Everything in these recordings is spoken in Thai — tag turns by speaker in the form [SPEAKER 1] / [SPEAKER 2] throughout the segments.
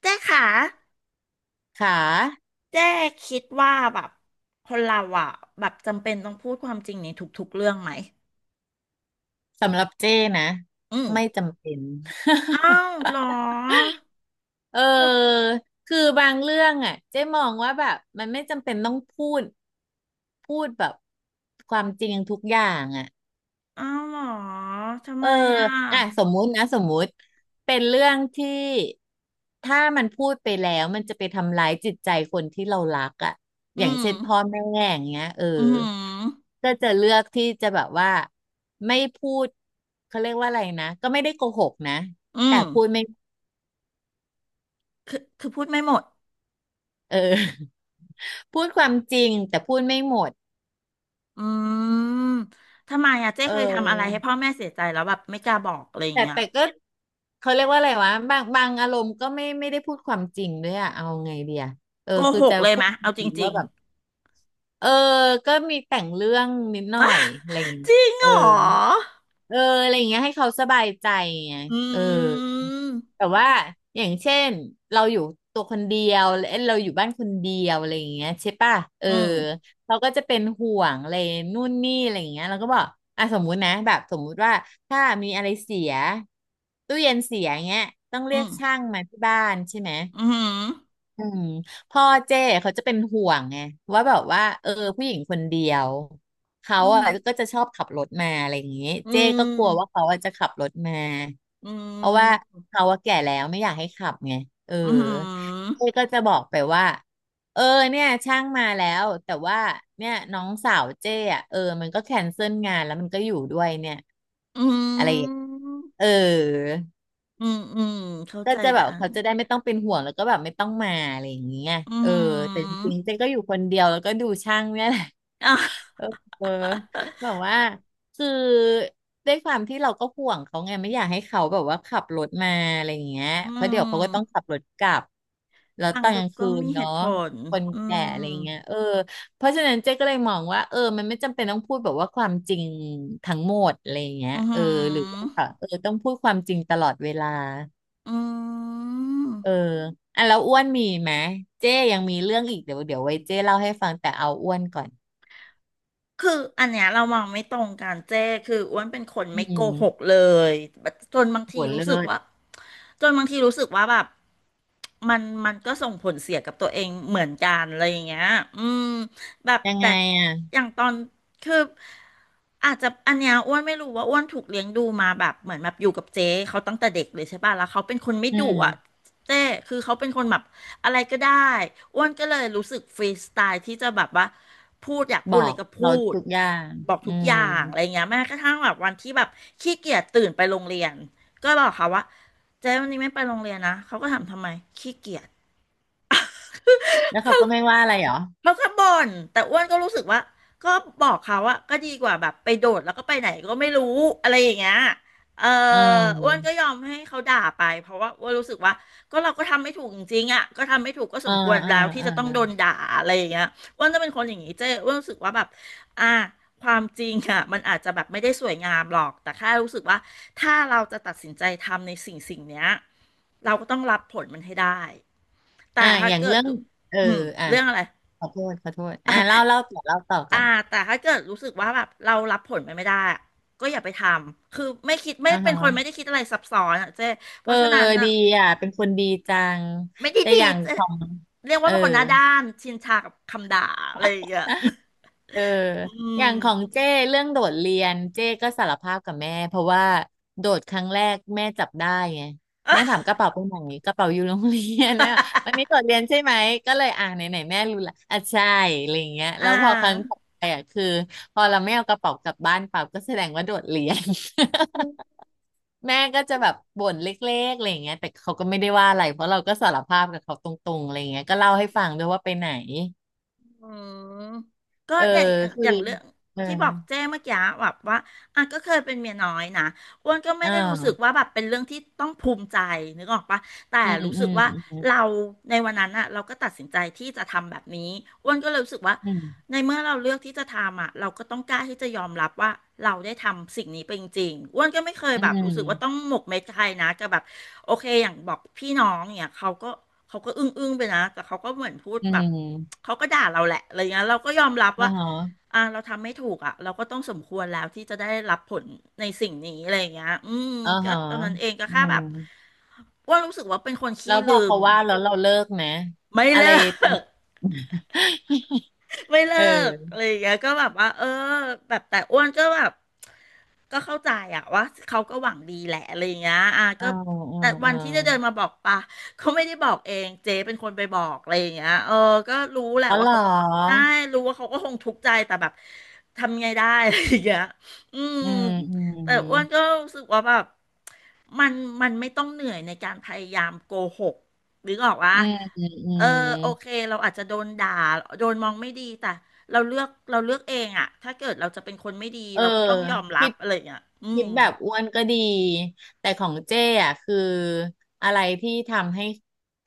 [SPEAKER 1] เจ๊ค่ะ
[SPEAKER 2] ค่ะ
[SPEAKER 1] เจ๊คิดว่าแบบคนเราอ่ะแบบจำเป็นต้องพูดความจริงในทุกๆเรื่องไหม
[SPEAKER 2] สำหรับเจ้นะ
[SPEAKER 1] อืม
[SPEAKER 2] ไม่จำเป็น
[SPEAKER 1] อ้าวเหรอ
[SPEAKER 2] เออ
[SPEAKER 1] ท
[SPEAKER 2] คือบางเรื่องอ่ะเจ้มองว่าแบบมันไม่จำเป็นต้องพูดพูดแบบความจริงทุกอย่างอ่ะ
[SPEAKER 1] ำอ้าวเหรอทำ
[SPEAKER 2] เอ
[SPEAKER 1] ไม
[SPEAKER 2] อ
[SPEAKER 1] อ่ะ
[SPEAKER 2] อ่ะสมมุตินะสมมุติเป็นเรื่องที่ถ้ามันพูดไปแล้วมันจะไปทำร้ายจิตใจคนที่เรารักอ่ะอ
[SPEAKER 1] อื
[SPEAKER 2] ย่าง
[SPEAKER 1] ม
[SPEAKER 2] เช่นพ่อแม่อย่างเงี้ยเออ
[SPEAKER 1] อืม
[SPEAKER 2] ก็จะเลือกที่จะแบบว่าไม่พูดเขาเรียกว่าอะไรนะก็ไม่ได้โกหกนะ
[SPEAKER 1] อื
[SPEAKER 2] แต่
[SPEAKER 1] ม
[SPEAKER 2] พูดไม่
[SPEAKER 1] คือพูดไม่หมด
[SPEAKER 2] เออ พูดความจริงแต่พูดไม่หมด
[SPEAKER 1] อืมทำไมอ่ะเจ๊
[SPEAKER 2] เ
[SPEAKER 1] เคยทำอะไร
[SPEAKER 2] ออ
[SPEAKER 1] ให้พ่อแม่เสียใจแล้วแบบไม่กล้าบอกอะไรอย่าง
[SPEAKER 2] แต่
[SPEAKER 1] เงี้ย
[SPEAKER 2] แต่ก็เขาเรียกว่าอะไรวะบางอารมณ์ก็ไม่ได้พูดความจริงด้วยอะเอาไงเดียเออ
[SPEAKER 1] โก
[SPEAKER 2] คือ
[SPEAKER 1] หก
[SPEAKER 2] จะ
[SPEAKER 1] เลย
[SPEAKER 2] พู
[SPEAKER 1] ไหม
[SPEAKER 2] ดจ
[SPEAKER 1] เอาจ
[SPEAKER 2] ริงๆ
[SPEAKER 1] ริ
[SPEAKER 2] ว่า
[SPEAKER 1] ง
[SPEAKER 2] แบบ เออก็มีแต่งเรื่องนิดหน่อยอะไรอย่าง
[SPEAKER 1] ๆ
[SPEAKER 2] เงี้ย
[SPEAKER 1] จริงเห
[SPEAKER 2] เอ
[SPEAKER 1] ร
[SPEAKER 2] อ
[SPEAKER 1] อ
[SPEAKER 2] เอออะไรอย่างเงี้ยให้เขาสบายใจไง
[SPEAKER 1] อื
[SPEAKER 2] เออแต่
[SPEAKER 1] ม
[SPEAKER 2] ว่าอย่างเช่นเราอยู่ตัวคนเดียวเอ้ยเราอยู่บ้านคนเดียวอะไรอย่างเงี้ยใช่ป่ะเออ
[SPEAKER 1] อืม
[SPEAKER 2] เราก็จะเป็นห่วงอะไรนู่นนี่อะไรอย่างเงี้ยเราก็บอกอ่ะสมมุตินะแบบสมมุติว่าถ้ามีอะไรเสียตู้เย็นเสียเงี้ยต้อง
[SPEAKER 1] อื
[SPEAKER 2] เรียก
[SPEAKER 1] ม
[SPEAKER 2] ช่างมาที่บ้านใช่ไหม
[SPEAKER 1] อืม
[SPEAKER 2] อืมพ่อเจ้เขาจะเป็นห่วงไงว่าแบบว่าเออผู้หญิงคนเดียวเขา
[SPEAKER 1] อืม
[SPEAKER 2] อ่ะก็จะชอบขับรถมาอะไรอย่างงี้
[SPEAKER 1] อื
[SPEAKER 2] เจ้ก็กลัวว่า
[SPEAKER 1] ม
[SPEAKER 2] เขาอ่ะจะขับรถมา
[SPEAKER 1] อื
[SPEAKER 2] เพราะว่า
[SPEAKER 1] ม
[SPEAKER 2] เขาอ่ะแก่แล้วไม่อยากให้ขับไงเออ
[SPEAKER 1] อืม
[SPEAKER 2] เจ้ก็จะบอกไปว่าเออเนี่ยช่างมาแล้วแต่ว่าเนี่ยน้องสาวเจ้อ่ะเออมันก็แคนเซิลงานแล้วมันก็อยู่ด้วยเนี่ย
[SPEAKER 1] อื
[SPEAKER 2] อะไรอย่าง
[SPEAKER 1] ม
[SPEAKER 2] เออ
[SPEAKER 1] อืมอืมเข้า
[SPEAKER 2] ก็
[SPEAKER 1] ใจ
[SPEAKER 2] จะแบ
[SPEAKER 1] นะ
[SPEAKER 2] บเขาจะได้ไม่ต้องเป็นห่วงแล้วก็แบบไม่ต้องมาอะไรอย่างเงี้ย
[SPEAKER 1] อื
[SPEAKER 2] เออแต่จ
[SPEAKER 1] ม
[SPEAKER 2] ริงๆเจ๊ก็อยู่คนเดียวแล้วก็ดูช่างเนี่ยแหละ
[SPEAKER 1] อ่
[SPEAKER 2] เออ
[SPEAKER 1] ะ
[SPEAKER 2] เออแบบว่าคือด้วยความที่เราก็ห่วงเขาไงไม่อยากให้เขาแบบว่าขับรถมาอะไรอย่างเงี้ย
[SPEAKER 1] อื
[SPEAKER 2] เพราะ
[SPEAKER 1] ม
[SPEAKER 2] เดี๋ยวเขาก็ต้องขับรถกลับแล้ว
[SPEAKER 1] ฟั
[SPEAKER 2] ต
[SPEAKER 1] ง
[SPEAKER 2] อน
[SPEAKER 1] ดู
[SPEAKER 2] กลาง
[SPEAKER 1] ก็
[SPEAKER 2] คืน
[SPEAKER 1] มีเห
[SPEAKER 2] เนาะ
[SPEAKER 1] ตุผล
[SPEAKER 2] คน
[SPEAKER 1] อื
[SPEAKER 2] แก่อะ
[SPEAKER 1] ม
[SPEAKER 2] ไรอย่างเงี้ยเออเพราะฉะนั้นเจ๊ก็เลยมองว่าเออมันไม่จำเป็นต้องพูดแบบว่าความจริงทั้งหมดอะไรอย่างเงี้ย
[SPEAKER 1] อื
[SPEAKER 2] เออหรือ
[SPEAKER 1] ม
[SPEAKER 2] ว่าเออต้องพูดความจริงตลอดเวลา
[SPEAKER 1] อื
[SPEAKER 2] เออ
[SPEAKER 1] ม
[SPEAKER 2] อ่ะแล้วอ้วนมีไหมเจ้ยังมีเรื่องอีกเดี๋ยวไว้เจ้เล่าให้ฟังแต่เอาอ้วนก่อน
[SPEAKER 1] คืออันเนี้ยเรามองไม่ตรงกันเจ้คืออ้วนเป็นคน
[SPEAKER 2] อื
[SPEAKER 1] ไม่โก
[SPEAKER 2] ม
[SPEAKER 1] หกเลยจนบาง
[SPEAKER 2] โห
[SPEAKER 1] ทีรู้
[SPEAKER 2] เลิ
[SPEAKER 1] สึกว่า
[SPEAKER 2] ศ
[SPEAKER 1] จนบางทีรู้สึกว่าแบบมันก็ส่งผลเสียกับตัวเองเหมือนกันอะไรอย่างเงี้ยอืมแบบ
[SPEAKER 2] ยัง
[SPEAKER 1] แต่
[SPEAKER 2] ไงอ่ะ
[SPEAKER 1] อย่างตอนคืออาจจะอันเนี้ยอ้วนไม่รู้ว่าอ้วนถูกเลี้ยงดูมาแบบเหมือนแบบอยู่กับเจ๊เขาตั้งแต่เด็กเลยใช่ป่ะแล้วเขาเป็นคนไม่
[SPEAKER 2] อื
[SPEAKER 1] ดุอ่ะ
[SPEAKER 2] ม
[SPEAKER 1] เจ้คือเขาเป็นคนแบบ อะไรก็ได้อ้วนก็เลยรู้สึกฟรีสไตล์ที่จะแบบว่าพูดอยากพู
[SPEAKER 2] บ
[SPEAKER 1] ด
[SPEAKER 2] อ
[SPEAKER 1] อะไร
[SPEAKER 2] ก
[SPEAKER 1] ก็พู
[SPEAKER 2] เรา
[SPEAKER 1] ด
[SPEAKER 2] ทุกอย่าง
[SPEAKER 1] บอก
[SPEAKER 2] อื
[SPEAKER 1] ทุกอ
[SPEAKER 2] ม
[SPEAKER 1] ย่างอะไรเงี้ยแม้กระทั่งแบบวันที่แบบขี้เกียจตื่นไปโรงเรียนก็บอกเขาว่าเจ๊วันนี้ไม่ไปโรงเรียนนะเขาก็ถามทำไมขี้เกียจ
[SPEAKER 2] แล้วเขาก็ไม่ว่าอะไรเหรอ
[SPEAKER 1] เขาก็บ่นแต่อ้วนก็รู้สึกว่าก็บอกเขาว่าก็ดีกว่าแบบไปโดดแล้วก็ไปไหนก็ไม่รู้อะไรอย่างเงี้ยเออ
[SPEAKER 2] เ
[SPEAKER 1] อ้วน
[SPEAKER 2] ออ
[SPEAKER 1] ก็ยอมให้เขาด่าไปเพราะว่าอ้วนรู้สึกว่าก็เราก็ทำไม่ถูกจริงๆอ่ะก็ทำไม่ถูกก็ส
[SPEAKER 2] เออ
[SPEAKER 1] มควร
[SPEAKER 2] เออ
[SPEAKER 1] แล้วที่
[SPEAKER 2] เอ
[SPEAKER 1] จะต้องโด
[SPEAKER 2] อ
[SPEAKER 1] นด่าอะไรอย่างเงี้ยอ้วนจะเป็นคนอย่างนี้เจ้อ้วนรู้สึกว่าแบบอ่าความจริงอ่ะมันอาจจะแบบไม่ได้สวยงามหรอกแต่แค่รู้สึกว่าถ้าเราจะตัดสินใจทำในสิ่งสิ่งเนี้ยเราก็ต้องรับผลมันให้ได้แต่
[SPEAKER 2] อ่ะ
[SPEAKER 1] ถ้า
[SPEAKER 2] อย่าง
[SPEAKER 1] เกิด
[SPEAKER 2] เรื่องเออ
[SPEAKER 1] อืม
[SPEAKER 2] อ่ะ
[SPEAKER 1] เรื่องอะไร
[SPEAKER 2] ขอโทษขอโทษอ่ะ
[SPEAKER 1] อ่ะ
[SPEAKER 2] เล่าต่อเล่าต่อกั
[SPEAKER 1] อ่า
[SPEAKER 2] น
[SPEAKER 1] แต่ถ้าเกิดรู้สึกว่าแบบเรารับผลมันไม่ได้อะก็อย่าไปทำคือไม่คิดไม่
[SPEAKER 2] อ่า
[SPEAKER 1] เป็น
[SPEAKER 2] ฮะ
[SPEAKER 1] คนไม่ได้คิดอะไรซับซ้อนอ่ะเจ๊เพ
[SPEAKER 2] เออ
[SPEAKER 1] ราะฉะนั้นอ่ะ
[SPEAKER 2] ดีอ่ะเป็นคนดีจัง
[SPEAKER 1] ไม่ได้
[SPEAKER 2] แต่อ
[SPEAKER 1] ดี
[SPEAKER 2] ย่าง
[SPEAKER 1] เจ๊
[SPEAKER 2] ของ
[SPEAKER 1] เรียก
[SPEAKER 2] เอ
[SPEAKER 1] ว่า
[SPEAKER 2] อ
[SPEAKER 1] เป็นคนหน้าด้านชินชากับคำด่าอะไรอย่างเงี้ย
[SPEAKER 2] เออ
[SPEAKER 1] อื
[SPEAKER 2] อ
[SPEAKER 1] ม
[SPEAKER 2] ย่างของเจ้เรื่องโดดเรียนเจ้ก็สารภาพกับแม่เพราะว่าโดดครั้งแรกแม่จับได้ไงแม่ถามกระเป๋าไปไหนกระเป๋าอยู่โรงเรียน นะวันนี้โดดเรียนใช่ไหมก็เลยอ่าไหนไหนแม่รู้ละอ่ะใช่อะไรอย่างเงี้ย
[SPEAKER 1] อ่
[SPEAKER 2] แล้วพอครั้ง
[SPEAKER 1] า
[SPEAKER 2] ต่อไปอ่ะคือพอเราไม่เอากระเป๋ากลับบ้านเปล่าก็แสดงว่าโดดเรียน แม่ก็จะแบบบ่นเล็กๆอะไรอย่างเงี้ยแต่เขาก็ไม่ได้ว่าอะไรเพราะเราก็สารภาพกับเขาตรงๆอะไรอย่างเงี้ยก็เล่าให้ฟังด้วยว่าไปไหน
[SPEAKER 1] อืมก็
[SPEAKER 2] เออ
[SPEAKER 1] เนี่ยอย่าง
[SPEAKER 2] คือ
[SPEAKER 1] อย่างเรื่อง
[SPEAKER 2] เออ
[SPEAKER 1] ที่บอกแจ้เมื่อกี้แบบว่าอ่ะก็เคยเป็นเมียน้อยนะอ้วนก็ไม่
[SPEAKER 2] อ่
[SPEAKER 1] ได้รู้สึก
[SPEAKER 2] า
[SPEAKER 1] ว่าแบบเป็นเรื่องที่ต้องภูมิใจนึกออกปะแต่
[SPEAKER 2] อืม
[SPEAKER 1] รู้
[SPEAKER 2] อื
[SPEAKER 1] สึกว่า
[SPEAKER 2] ม
[SPEAKER 1] เราในวันนั้นอะเราก็ตัดสินใจที่จะทำแบบนี้อ้วนก็เลยรู้สึกว่า
[SPEAKER 2] อืม
[SPEAKER 1] ในเมื่อเราเลือกที่จะทำอะเราก็ต้องกล้าที่จะยอมรับว่าเราได้ทำสิ่งนี้ไปจริงๆอ้วนก็ไม่เคย
[SPEAKER 2] อื
[SPEAKER 1] แบบรู้สึกว่าต้อง
[SPEAKER 2] ม
[SPEAKER 1] หมกเม็ดกับใครนะกับแบบ โอเคอย่างบอกพี่น้องเนี่ยเขาก็อึ้งอึ้งไปนะแต่เขาก็เหมือนพูด
[SPEAKER 2] อื
[SPEAKER 1] แบบ
[SPEAKER 2] ม
[SPEAKER 1] เขาก็ด่าเราแหละอะไรเงี้ยเราก็ยอมรับ
[SPEAKER 2] อ่า
[SPEAKER 1] ว่า
[SPEAKER 2] ฮะ
[SPEAKER 1] เราทำไม่ถูกอ่ะเราก็ต้องสมควรแล้วที่จะได้รับผลในสิ่งนี้อะไรเงี้ยอืม
[SPEAKER 2] อ่า
[SPEAKER 1] ก็
[SPEAKER 2] ฮะ
[SPEAKER 1] ตอนนั้นเองก็
[SPEAKER 2] อื
[SPEAKER 1] แค่แบ
[SPEAKER 2] ม
[SPEAKER 1] บอ้ว่ารู้สึกว่าเป็นคน
[SPEAKER 2] แล้
[SPEAKER 1] ขี้
[SPEAKER 2] วพอ
[SPEAKER 1] ลืม
[SPEAKER 2] เขาว่าแล้วเราเลิกไหม
[SPEAKER 1] ไม่
[SPEAKER 2] อะไร
[SPEAKER 1] เลิก ไม่เลิ
[SPEAKER 2] เอ
[SPEAKER 1] กอะไร
[SPEAKER 2] อ
[SPEAKER 1] อย่างเงี้ยก็แบบว่าเออแบบแต่อ้วนก็แบบก็เข้าใจอะว่าเขาก็หวังดีแหละอะไรอย่างเงี้ยอ่ะก็
[SPEAKER 2] อ่าอ่า
[SPEAKER 1] แต่วั
[SPEAKER 2] อ่า
[SPEAKER 1] นที่จะเดินมาบอกปะเขาไม่ได้บอกเองเจ๊เป็นคนไปบอกอะไรอย่างเงี้ยเออก็รู้แหละ
[SPEAKER 2] อ๋อเห
[SPEAKER 1] ว่า
[SPEAKER 2] รอ
[SPEAKER 1] เขาก็ได้รู้ว่าเขาก็คงทุกข์ใจแต่แบบทำไงได้อะไรอย่างเงี้ยอืม
[SPEAKER 2] อืมอื
[SPEAKER 1] แต่
[SPEAKER 2] ม
[SPEAKER 1] อ้วนก็รู้สึกว่าแบบมันไม่ต้องเหนื่อยในการพยายามโกหกนึกออกวะ
[SPEAKER 2] อืมอื
[SPEAKER 1] เออ
[SPEAKER 2] ม
[SPEAKER 1] โอเคเราอาจจะโดนด่าโดนมองไม่ดีแต่เราเลือกเองอะถ้าเกิดเราจะเป็นคนไม่ดี
[SPEAKER 2] เออ
[SPEAKER 1] เราก็ต้องยอมรั
[SPEAKER 2] คิ
[SPEAKER 1] บ
[SPEAKER 2] ด
[SPEAKER 1] อะไรอย่างเงี้ยอื
[SPEAKER 2] คิด
[SPEAKER 1] ม
[SPEAKER 2] แบบอ้วนก็ดีแต่ของเจ้อ่ะคืออะไรที่ทำให้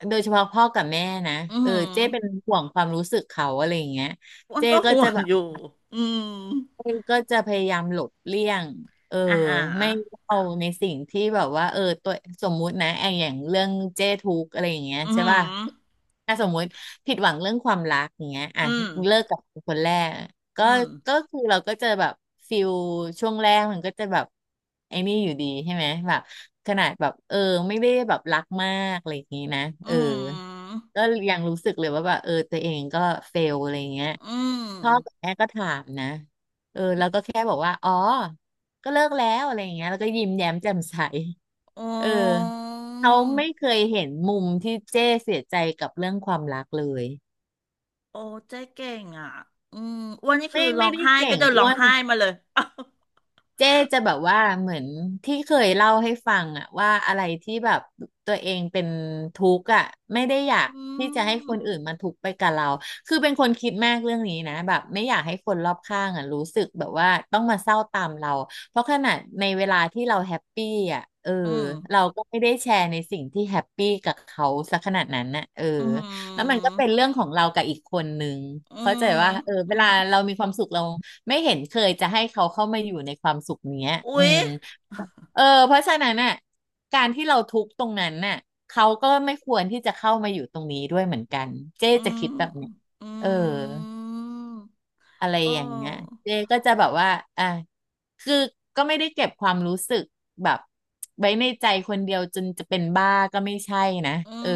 [SPEAKER 2] โดยเฉพาะพ่อกับแม่นะ
[SPEAKER 1] อือ
[SPEAKER 2] เออ
[SPEAKER 1] หือ
[SPEAKER 2] เจ้เป็นห่วงความรู้สึกเขาอะไรอย่างเงี้ย
[SPEAKER 1] อ้วน
[SPEAKER 2] เจ้
[SPEAKER 1] ก็
[SPEAKER 2] ก็
[SPEAKER 1] ห่ว
[SPEAKER 2] จะ
[SPEAKER 1] ง
[SPEAKER 2] แบบ
[SPEAKER 1] อยู่อืม
[SPEAKER 2] อ้ยก็จะพยายามหลบเลี่ยงเออ
[SPEAKER 1] อ่าหา
[SPEAKER 2] ไม่เอาในสิ่งที่แบบว่าเออตัวสมมุตินะไออย่างเรื่องเจ้ทุกข์อะไรอย่างเงี้ย
[SPEAKER 1] อือ
[SPEAKER 2] ใช่
[SPEAKER 1] หือ
[SPEAKER 2] ป่ะถ้าสมมุติผิดหวังเรื่องความรักอย่างเงี้ยอ่ะ
[SPEAKER 1] อืม
[SPEAKER 2] เลิกกับคนแรก
[SPEAKER 1] อื
[SPEAKER 2] ก็
[SPEAKER 1] ม
[SPEAKER 2] ก็คือเราก็จะแบบฟิลช่วงแรกมันก็จะแบบไอ้นี่อยู่ดีใช่ไหมแบบขนาดแบบเออไม่ได้แบบรักมากอะไรอย่างงี้นะ
[SPEAKER 1] อื
[SPEAKER 2] เออ
[SPEAKER 1] มอ
[SPEAKER 2] ก็ยังรู้สึกเลยว่าแบบเออตัวเองก็เฟลอะไรอย่างเงี้ย
[SPEAKER 1] ืม
[SPEAKER 2] พ่อกับแม่ก็ถามนะเออแล้วก็แค่บอกว่าอ๋อ ก็เลิกแล้วอะไรอย่างเงี้ยแล้วก็ยิ้มแย้มแจ่มใส
[SPEAKER 1] โอ้
[SPEAKER 2] เออเขาไม่เคยเห็นมุมที่เจ้เสียใจกับเรื่องความรักเลย
[SPEAKER 1] โอ้เจ๊เก่งอ่ะอืมอ้วนนี่คือ
[SPEAKER 2] ไม่
[SPEAKER 1] ร้
[SPEAKER 2] ไม่
[SPEAKER 1] อง
[SPEAKER 2] ได้
[SPEAKER 1] ไห้
[SPEAKER 2] เก่
[SPEAKER 1] ก็
[SPEAKER 2] ง
[SPEAKER 1] เดินร้
[SPEAKER 2] อ้
[SPEAKER 1] อ
[SPEAKER 2] ว
[SPEAKER 1] ง
[SPEAKER 2] น
[SPEAKER 1] ไห้มาเลย อ้า
[SPEAKER 2] เจ๊จะแบบว่าเหมือนที่เคยเล่าให้ฟังอะว่าอะไรที่แบบตัวเองเป็นทุกข์อะไม่ได้อยาก
[SPEAKER 1] อื
[SPEAKER 2] ที่จะให้
[SPEAKER 1] ม
[SPEAKER 2] คนอื่นมาทุกข์ไปกับเราคือเป็นคนคิดมากเรื่องนี้นะแบบไม่อยากให้คนรอบข้างอะรู้สึกแบบว่าต้องมาเศร้าตามเราเพราะขนาดในเวลาที่เราแฮปปี้อะเออ
[SPEAKER 1] อืม
[SPEAKER 2] เราก็ไม่ได้แชร์ในสิ่งที่แฮปปี้กับเขาสักขนาดนั้นน่ะเออ
[SPEAKER 1] อื
[SPEAKER 2] แล้วมัน
[SPEAKER 1] ม
[SPEAKER 2] ก็เป็นเรื่องของเรากับอีกคนนึงเข้าใจว่าเออเว
[SPEAKER 1] อื
[SPEAKER 2] ลาเรา
[SPEAKER 1] ม
[SPEAKER 2] มีความสุขเรา ไม่เห็นเคยจะให้เขาเข้ามาอยู่ในความสุขเนี้ยอื
[SPEAKER 1] อุ๊ย
[SPEAKER 2] มเออเพราะฉะนั้นน่ะการที่เราทุกข์ตรงนั้นน่ะเขาก็ไม่ควรที่จะเข้ามาอยู่ตรงนี้ด้วยเหมือนกัน เจ๊
[SPEAKER 1] อื
[SPEAKER 2] จะ
[SPEAKER 1] ม
[SPEAKER 2] คิดแบบนี้
[SPEAKER 1] อื
[SPEAKER 2] เออ
[SPEAKER 1] ม
[SPEAKER 2] อะไร
[SPEAKER 1] เออ
[SPEAKER 2] อย่างเงี้ยเจ๊ก็จะแบบว่าอ่ะคือก็ไม่ได้เก็บความรู้สึกแบบไว้ในใจคนเดียวจนจะเป็นบ้าก็ไม่ใช่นะ
[SPEAKER 1] อื
[SPEAKER 2] เออ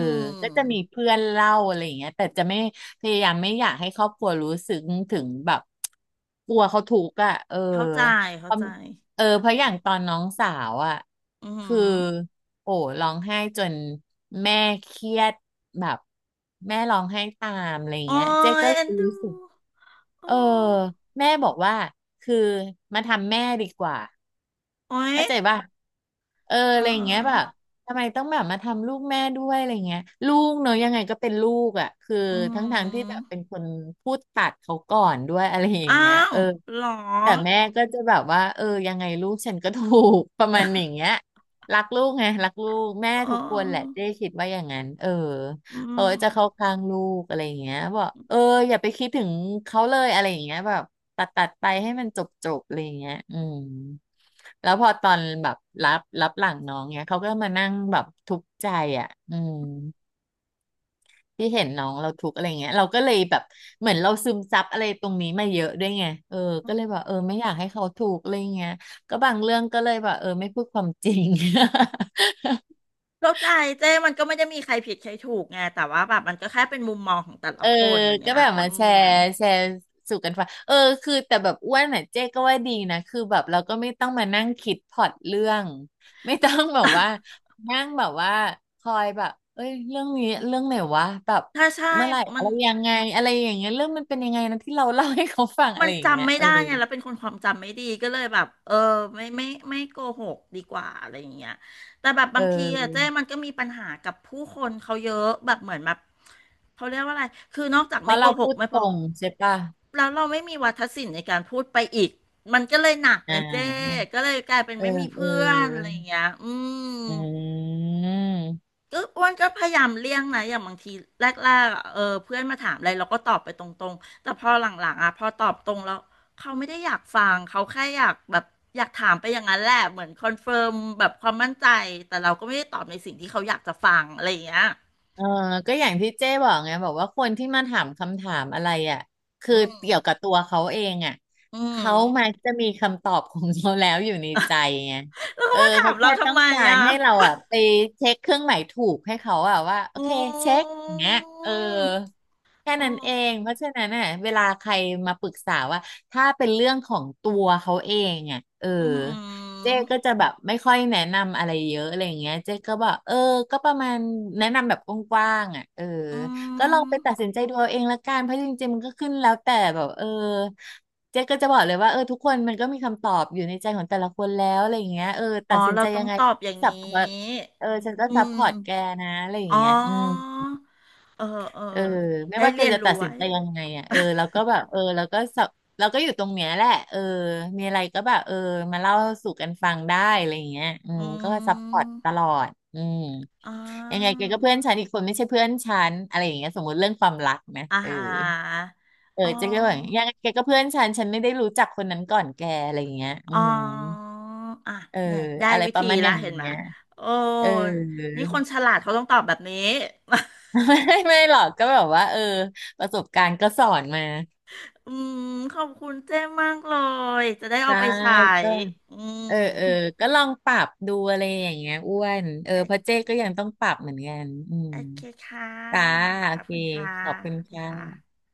[SPEAKER 2] ก็จะ
[SPEAKER 1] ม
[SPEAKER 2] มีเพื่อนเล่าอะไรอย่างเงี้ยแต่จะไม่พยายามไม่อยากให้ครอบครัวรู้สึกถึงแบบกลัวเขาทุกข์อ่ะเออ
[SPEAKER 1] เข้าใจ
[SPEAKER 2] เพ
[SPEAKER 1] เข้า
[SPEAKER 2] ราะ
[SPEAKER 1] ใจ
[SPEAKER 2] เออเพ
[SPEAKER 1] อื
[SPEAKER 2] ราะอ
[SPEAKER 1] ม
[SPEAKER 2] ย่างตอนน้องสาวอ่ะ
[SPEAKER 1] อื
[SPEAKER 2] คือ
[SPEAKER 1] ม
[SPEAKER 2] โอ้ร้องไห้จนแม่เครียดแบบแม่ร้องไห้ตามอะไรอย่าง
[SPEAKER 1] โอ้
[SPEAKER 2] เงี้ยเจ๊
[SPEAKER 1] ย
[SPEAKER 2] ก็เล
[SPEAKER 1] เอ็น
[SPEAKER 2] ย
[SPEAKER 1] ดู
[SPEAKER 2] รู้สึก เอ
[SPEAKER 1] โอ้
[SPEAKER 2] อแม่บอกว่าคือมาทำแม่ดีกว่า
[SPEAKER 1] โอ้ย
[SPEAKER 2] เข้าใจป่ะเออ
[SPEAKER 1] เ
[SPEAKER 2] อะไรอย่างเงี้ยแบบ
[SPEAKER 1] ออ
[SPEAKER 2] ทำไมต้องแบบมาทำลูกแม่ด้วยอะไรเงี้ยลูกเนอะยังไงก็เป็นลูกอ่ะคือ
[SPEAKER 1] อื
[SPEAKER 2] ทั้งทางที่แบบ
[SPEAKER 1] ม
[SPEAKER 2] เป็นคนพูดตัดเขาก่อนด้วยอะไรอย่า
[SPEAKER 1] อ้า
[SPEAKER 2] งเงี้ย
[SPEAKER 1] ว
[SPEAKER 2] เออ
[SPEAKER 1] เหรอ
[SPEAKER 2] แต่แม่ก็จะแบบว่าเออยังไงลูกฉันก็ถูก ประมาณอย่างเงี้ยรักลูกไงรักลูกแม่
[SPEAKER 1] เ
[SPEAKER 2] ทุกคนแหละ
[SPEAKER 1] ออ
[SPEAKER 2] เจ๊คิดว่าอย่างนั้นเออ
[SPEAKER 1] อืม
[SPEAKER 2] เขาจะเข้าข้างลูกอะไรอย่างเงี้ยบอกเอออย่าไปคิดถึงเขาเลยอะไรอย่างเงี้ยแบบตัดไปให้มันจบอะไรอย่างเงี้ยอืม แล้วพอตอนแบบรับหลังน้องเนี้ยเขาก็มานั่งแบบทุกข์ใจอ่ะอืมที่เห็นน้องเราทุกข์อะไรเงี้ยเราก็เลยแบบเหมือนเราซึมซับอะไรตรงนี้มาเยอะด้วยไงเออก็เลยแบบเออไม่อยากให้เขาถูกข์อะไรเงี้ยก็บางเรื่องก็เลยแบบเออไม่พูดความจริง
[SPEAKER 1] เข้าใจเจ้มันก็ไม่ได้มีใครผิดใครถูกไงแต่ว่าแบบมันก็แค่เป็นมุมมองของแต่ละ
[SPEAKER 2] เออ
[SPEAKER 1] คนอย่าง
[SPEAKER 2] ก็
[SPEAKER 1] เงี้ย
[SPEAKER 2] แบบ
[SPEAKER 1] อื
[SPEAKER 2] มาแช
[SPEAKER 1] ม
[SPEAKER 2] ร์แชร์สู่กันฟังเออคือแต่แบบอ้วนน่ะเจ๊ก็ว่าดีนะคือแบบเราก็ไม่ต้องมานั่งคิดพล็อตเรื่องไม่ต้องแบบว่า นั่งแบบว่าคอยแบบเอ้ยเรื่องนี้เรื่องไหนวะแบบ
[SPEAKER 1] ถ้าใช่
[SPEAKER 2] เมื่อไหร่
[SPEAKER 1] มั
[SPEAKER 2] อะ
[SPEAKER 1] น
[SPEAKER 2] ไรยังไงอะไรอย่างเงี้ยเรื่องมันเป็นยังไงนะที่เราเล่าให้เขาฟังอะ
[SPEAKER 1] มั
[SPEAKER 2] ไร
[SPEAKER 1] น
[SPEAKER 2] อย่างเงี้
[SPEAKER 1] จำ
[SPEAKER 2] ย
[SPEAKER 1] ไม่
[SPEAKER 2] เออ
[SPEAKER 1] ได้ไงแล้วเป็นคนความจำไม่ดีก็เลยแบบเออไม่ไม่ไม่โกหกดีกว่าอะไรอย่างเงี้ยแต่แบบ
[SPEAKER 2] เ
[SPEAKER 1] บางทีอะ
[SPEAKER 2] ออ
[SPEAKER 1] เจ้มันก็มีปัญหากับผู้คนเขาเยอะแบบเหมือนแบบเขาเรียกว่าอะไรคือนอกจาก
[SPEAKER 2] เพ
[SPEAKER 1] ไม่
[SPEAKER 2] ราะ
[SPEAKER 1] โก
[SPEAKER 2] เรา
[SPEAKER 1] ห
[SPEAKER 2] พู
[SPEAKER 1] ก
[SPEAKER 2] ด
[SPEAKER 1] ไม่พ
[SPEAKER 2] ต
[SPEAKER 1] อ
[SPEAKER 2] รงใช่ปะ
[SPEAKER 1] แล้วเราไม่มีวาทศิลป์ในการพูดไปอีกมันก็เลยหนัก
[SPEAKER 2] อ่
[SPEAKER 1] ไงเจ้
[SPEAKER 2] า
[SPEAKER 1] ก็เลยกลายเป็น
[SPEAKER 2] เออ
[SPEAKER 1] ไม่มี
[SPEAKER 2] เอ
[SPEAKER 1] เพื่อนอะไร
[SPEAKER 2] อ
[SPEAKER 1] อย่างเงี้ยอืม
[SPEAKER 2] อืม
[SPEAKER 1] ก็อ้วนก็พยายามเลี่ยงนะอย่างบางทีแรกๆอะเออเพื่อนมาถามอะไรเราก็ตอบไปตรงๆแต่พอหลังๆอ่ะพอตอบตรงแล้วเขาไม่ได้อยากฟังเขาแค่อยากแบบอยากถามไปอย่างนั้นแหละเหมือนคอนเฟิร์มแบบความมั่นใจแต่เราก็ไม่ได้ตอบในสิ่งที่เขาอยากจะฟังอะไรอย่างเงี้ย
[SPEAKER 2] เออก็อย่างที่เจ้บอกไงบอกว่าคนที่มาถามคำถามอะไรอ่ะคือ
[SPEAKER 1] อืม
[SPEAKER 2] เกี่ยวกับตัวเขาเองอ่ะ
[SPEAKER 1] อืม
[SPEAKER 2] เขามักจะมีคำตอบของเขาแล้วอยู่ในใจไง
[SPEAKER 1] แล้ว
[SPEAKER 2] เอ
[SPEAKER 1] เขา
[SPEAKER 2] อ
[SPEAKER 1] มาถา
[SPEAKER 2] เขา
[SPEAKER 1] มเรา
[SPEAKER 2] แค่ต้
[SPEAKER 1] ทำ
[SPEAKER 2] อง
[SPEAKER 1] ไม
[SPEAKER 2] การ
[SPEAKER 1] อ่ะ
[SPEAKER 2] ให้เราอ่ะไปเช็คเครื่องหมายถูกให้เขาอ่ะว่าโอ
[SPEAKER 1] อื
[SPEAKER 2] เคเช็คอย่างเงี้ยเออ
[SPEAKER 1] ม
[SPEAKER 2] แค่
[SPEAKER 1] โอ้
[SPEAKER 2] นั้นเองเพราะฉะนั้นน่ะเวลาใครมาปรึกษาว่าถ้าเป็นเรื่องของตัวเขาเองอ่ะเออ
[SPEAKER 1] อืม
[SPEAKER 2] เจ๊ก็จะแบบไม่ค่อยแนะนำอะไรเยอะอะไรอย่างเงี้ยเจ๊ก็บอกเออก็ประมาณแนะนำแบบกว้างๆอ่ะเออ
[SPEAKER 1] อื
[SPEAKER 2] ก็ลองไป
[SPEAKER 1] ม
[SPEAKER 2] ตัดสินใจดูเอาเองละกันเพราะจริงๆมันก็ขึ้นแล้วแต่แบบเออเจ๊ก็จะบอกเลยว่าเออทุกคนมันก็มีคำตอบอยู่ในใจของแต่ละคนแล้วอะไรอย่างเงี้ยเออ
[SPEAKER 1] อ๋
[SPEAKER 2] ตั
[SPEAKER 1] อ
[SPEAKER 2] ดสิน
[SPEAKER 1] เรา
[SPEAKER 2] ใจ
[SPEAKER 1] ต้อ
[SPEAKER 2] ยั
[SPEAKER 1] ง
[SPEAKER 2] งไง
[SPEAKER 1] ตอบอย่าง
[SPEAKER 2] สั
[SPEAKER 1] นี
[SPEAKER 2] บ
[SPEAKER 1] ้
[SPEAKER 2] เออฉันก็
[SPEAKER 1] อื
[SPEAKER 2] ซัพพอ
[SPEAKER 1] ม
[SPEAKER 2] ร์ตแกนะอะไรอย่าง
[SPEAKER 1] อ๋
[SPEAKER 2] เงี้ยอืม
[SPEAKER 1] อ เออเอ
[SPEAKER 2] เออ
[SPEAKER 1] อ
[SPEAKER 2] ไม่
[SPEAKER 1] ได้
[SPEAKER 2] ว่าแก
[SPEAKER 1] เรียน
[SPEAKER 2] จะตั
[SPEAKER 1] รู้
[SPEAKER 2] ดสิน
[SPEAKER 1] ไว้
[SPEAKER 2] ใจยังไงอ่ะเออแล้วก็แบบเออแล้วก็สับเราก็อยู่ตรงเนี้ยแหละเออมีอะไรก็แบบเออมาเล่าสู่กันฟังได้อะไรอย่างเงี้ยอืม
[SPEAKER 1] อื
[SPEAKER 2] ก็ซัพพอร์ตตล
[SPEAKER 1] ม
[SPEAKER 2] อดอืม
[SPEAKER 1] อ๋อ
[SPEAKER 2] ยังไงแกก็เพื่อนฉันอีกคนไม่ใช่เพื่อนฉันอะไรอย่างเงี้ยสมมติเรื่องความรักนะ
[SPEAKER 1] อา
[SPEAKER 2] เออ
[SPEAKER 1] หาร
[SPEAKER 2] เออ
[SPEAKER 1] อ๋อ
[SPEAKER 2] เจ๊ก็แบบยังไงแกก็เพื่อนฉันฉันไม่ได้รู้จักคนนั้นก่อนแกอะไรอย่างเงี้ยอื
[SPEAKER 1] อ๋อ
[SPEAKER 2] ม
[SPEAKER 1] อ่ะ
[SPEAKER 2] เออ
[SPEAKER 1] เนี่ยได้
[SPEAKER 2] อะไร
[SPEAKER 1] วิ
[SPEAKER 2] ประ
[SPEAKER 1] ธี
[SPEAKER 2] มาณอ
[SPEAKER 1] ละ
[SPEAKER 2] ย่าง
[SPEAKER 1] เห็นไหม
[SPEAKER 2] เงี้ย
[SPEAKER 1] โอ้
[SPEAKER 2] เออ
[SPEAKER 1] นี่คนฉลาดเขาต้องตอบแบบนี้
[SPEAKER 2] ไม่ไม่หรอกก็แบบว่าเออประสบการณ์ก็สอนมา
[SPEAKER 1] อืมขอบคุณเจ้มากเลย จะได้เอา
[SPEAKER 2] ได้
[SPEAKER 1] ไปใช้
[SPEAKER 2] ก็
[SPEAKER 1] อืม
[SPEAKER 2] เออเออก็ลองปรับดูอะไรอย่างเงี้ยอ้วน
[SPEAKER 1] โอ
[SPEAKER 2] เออ
[SPEAKER 1] เ
[SPEAKER 2] เพราะเจ๊ก็ยัง
[SPEAKER 1] ค
[SPEAKER 2] ต้องปรับเหมือนกันอืม
[SPEAKER 1] โอเคค่ะ
[SPEAKER 2] จ้า
[SPEAKER 1] ข
[SPEAKER 2] โอ
[SPEAKER 1] อบ
[SPEAKER 2] เค
[SPEAKER 1] คุณค่ะ
[SPEAKER 2] ขอบคุณ
[SPEAKER 1] สวัสดี
[SPEAKER 2] ค่
[SPEAKER 1] ค
[SPEAKER 2] ะ
[SPEAKER 1] ่ะ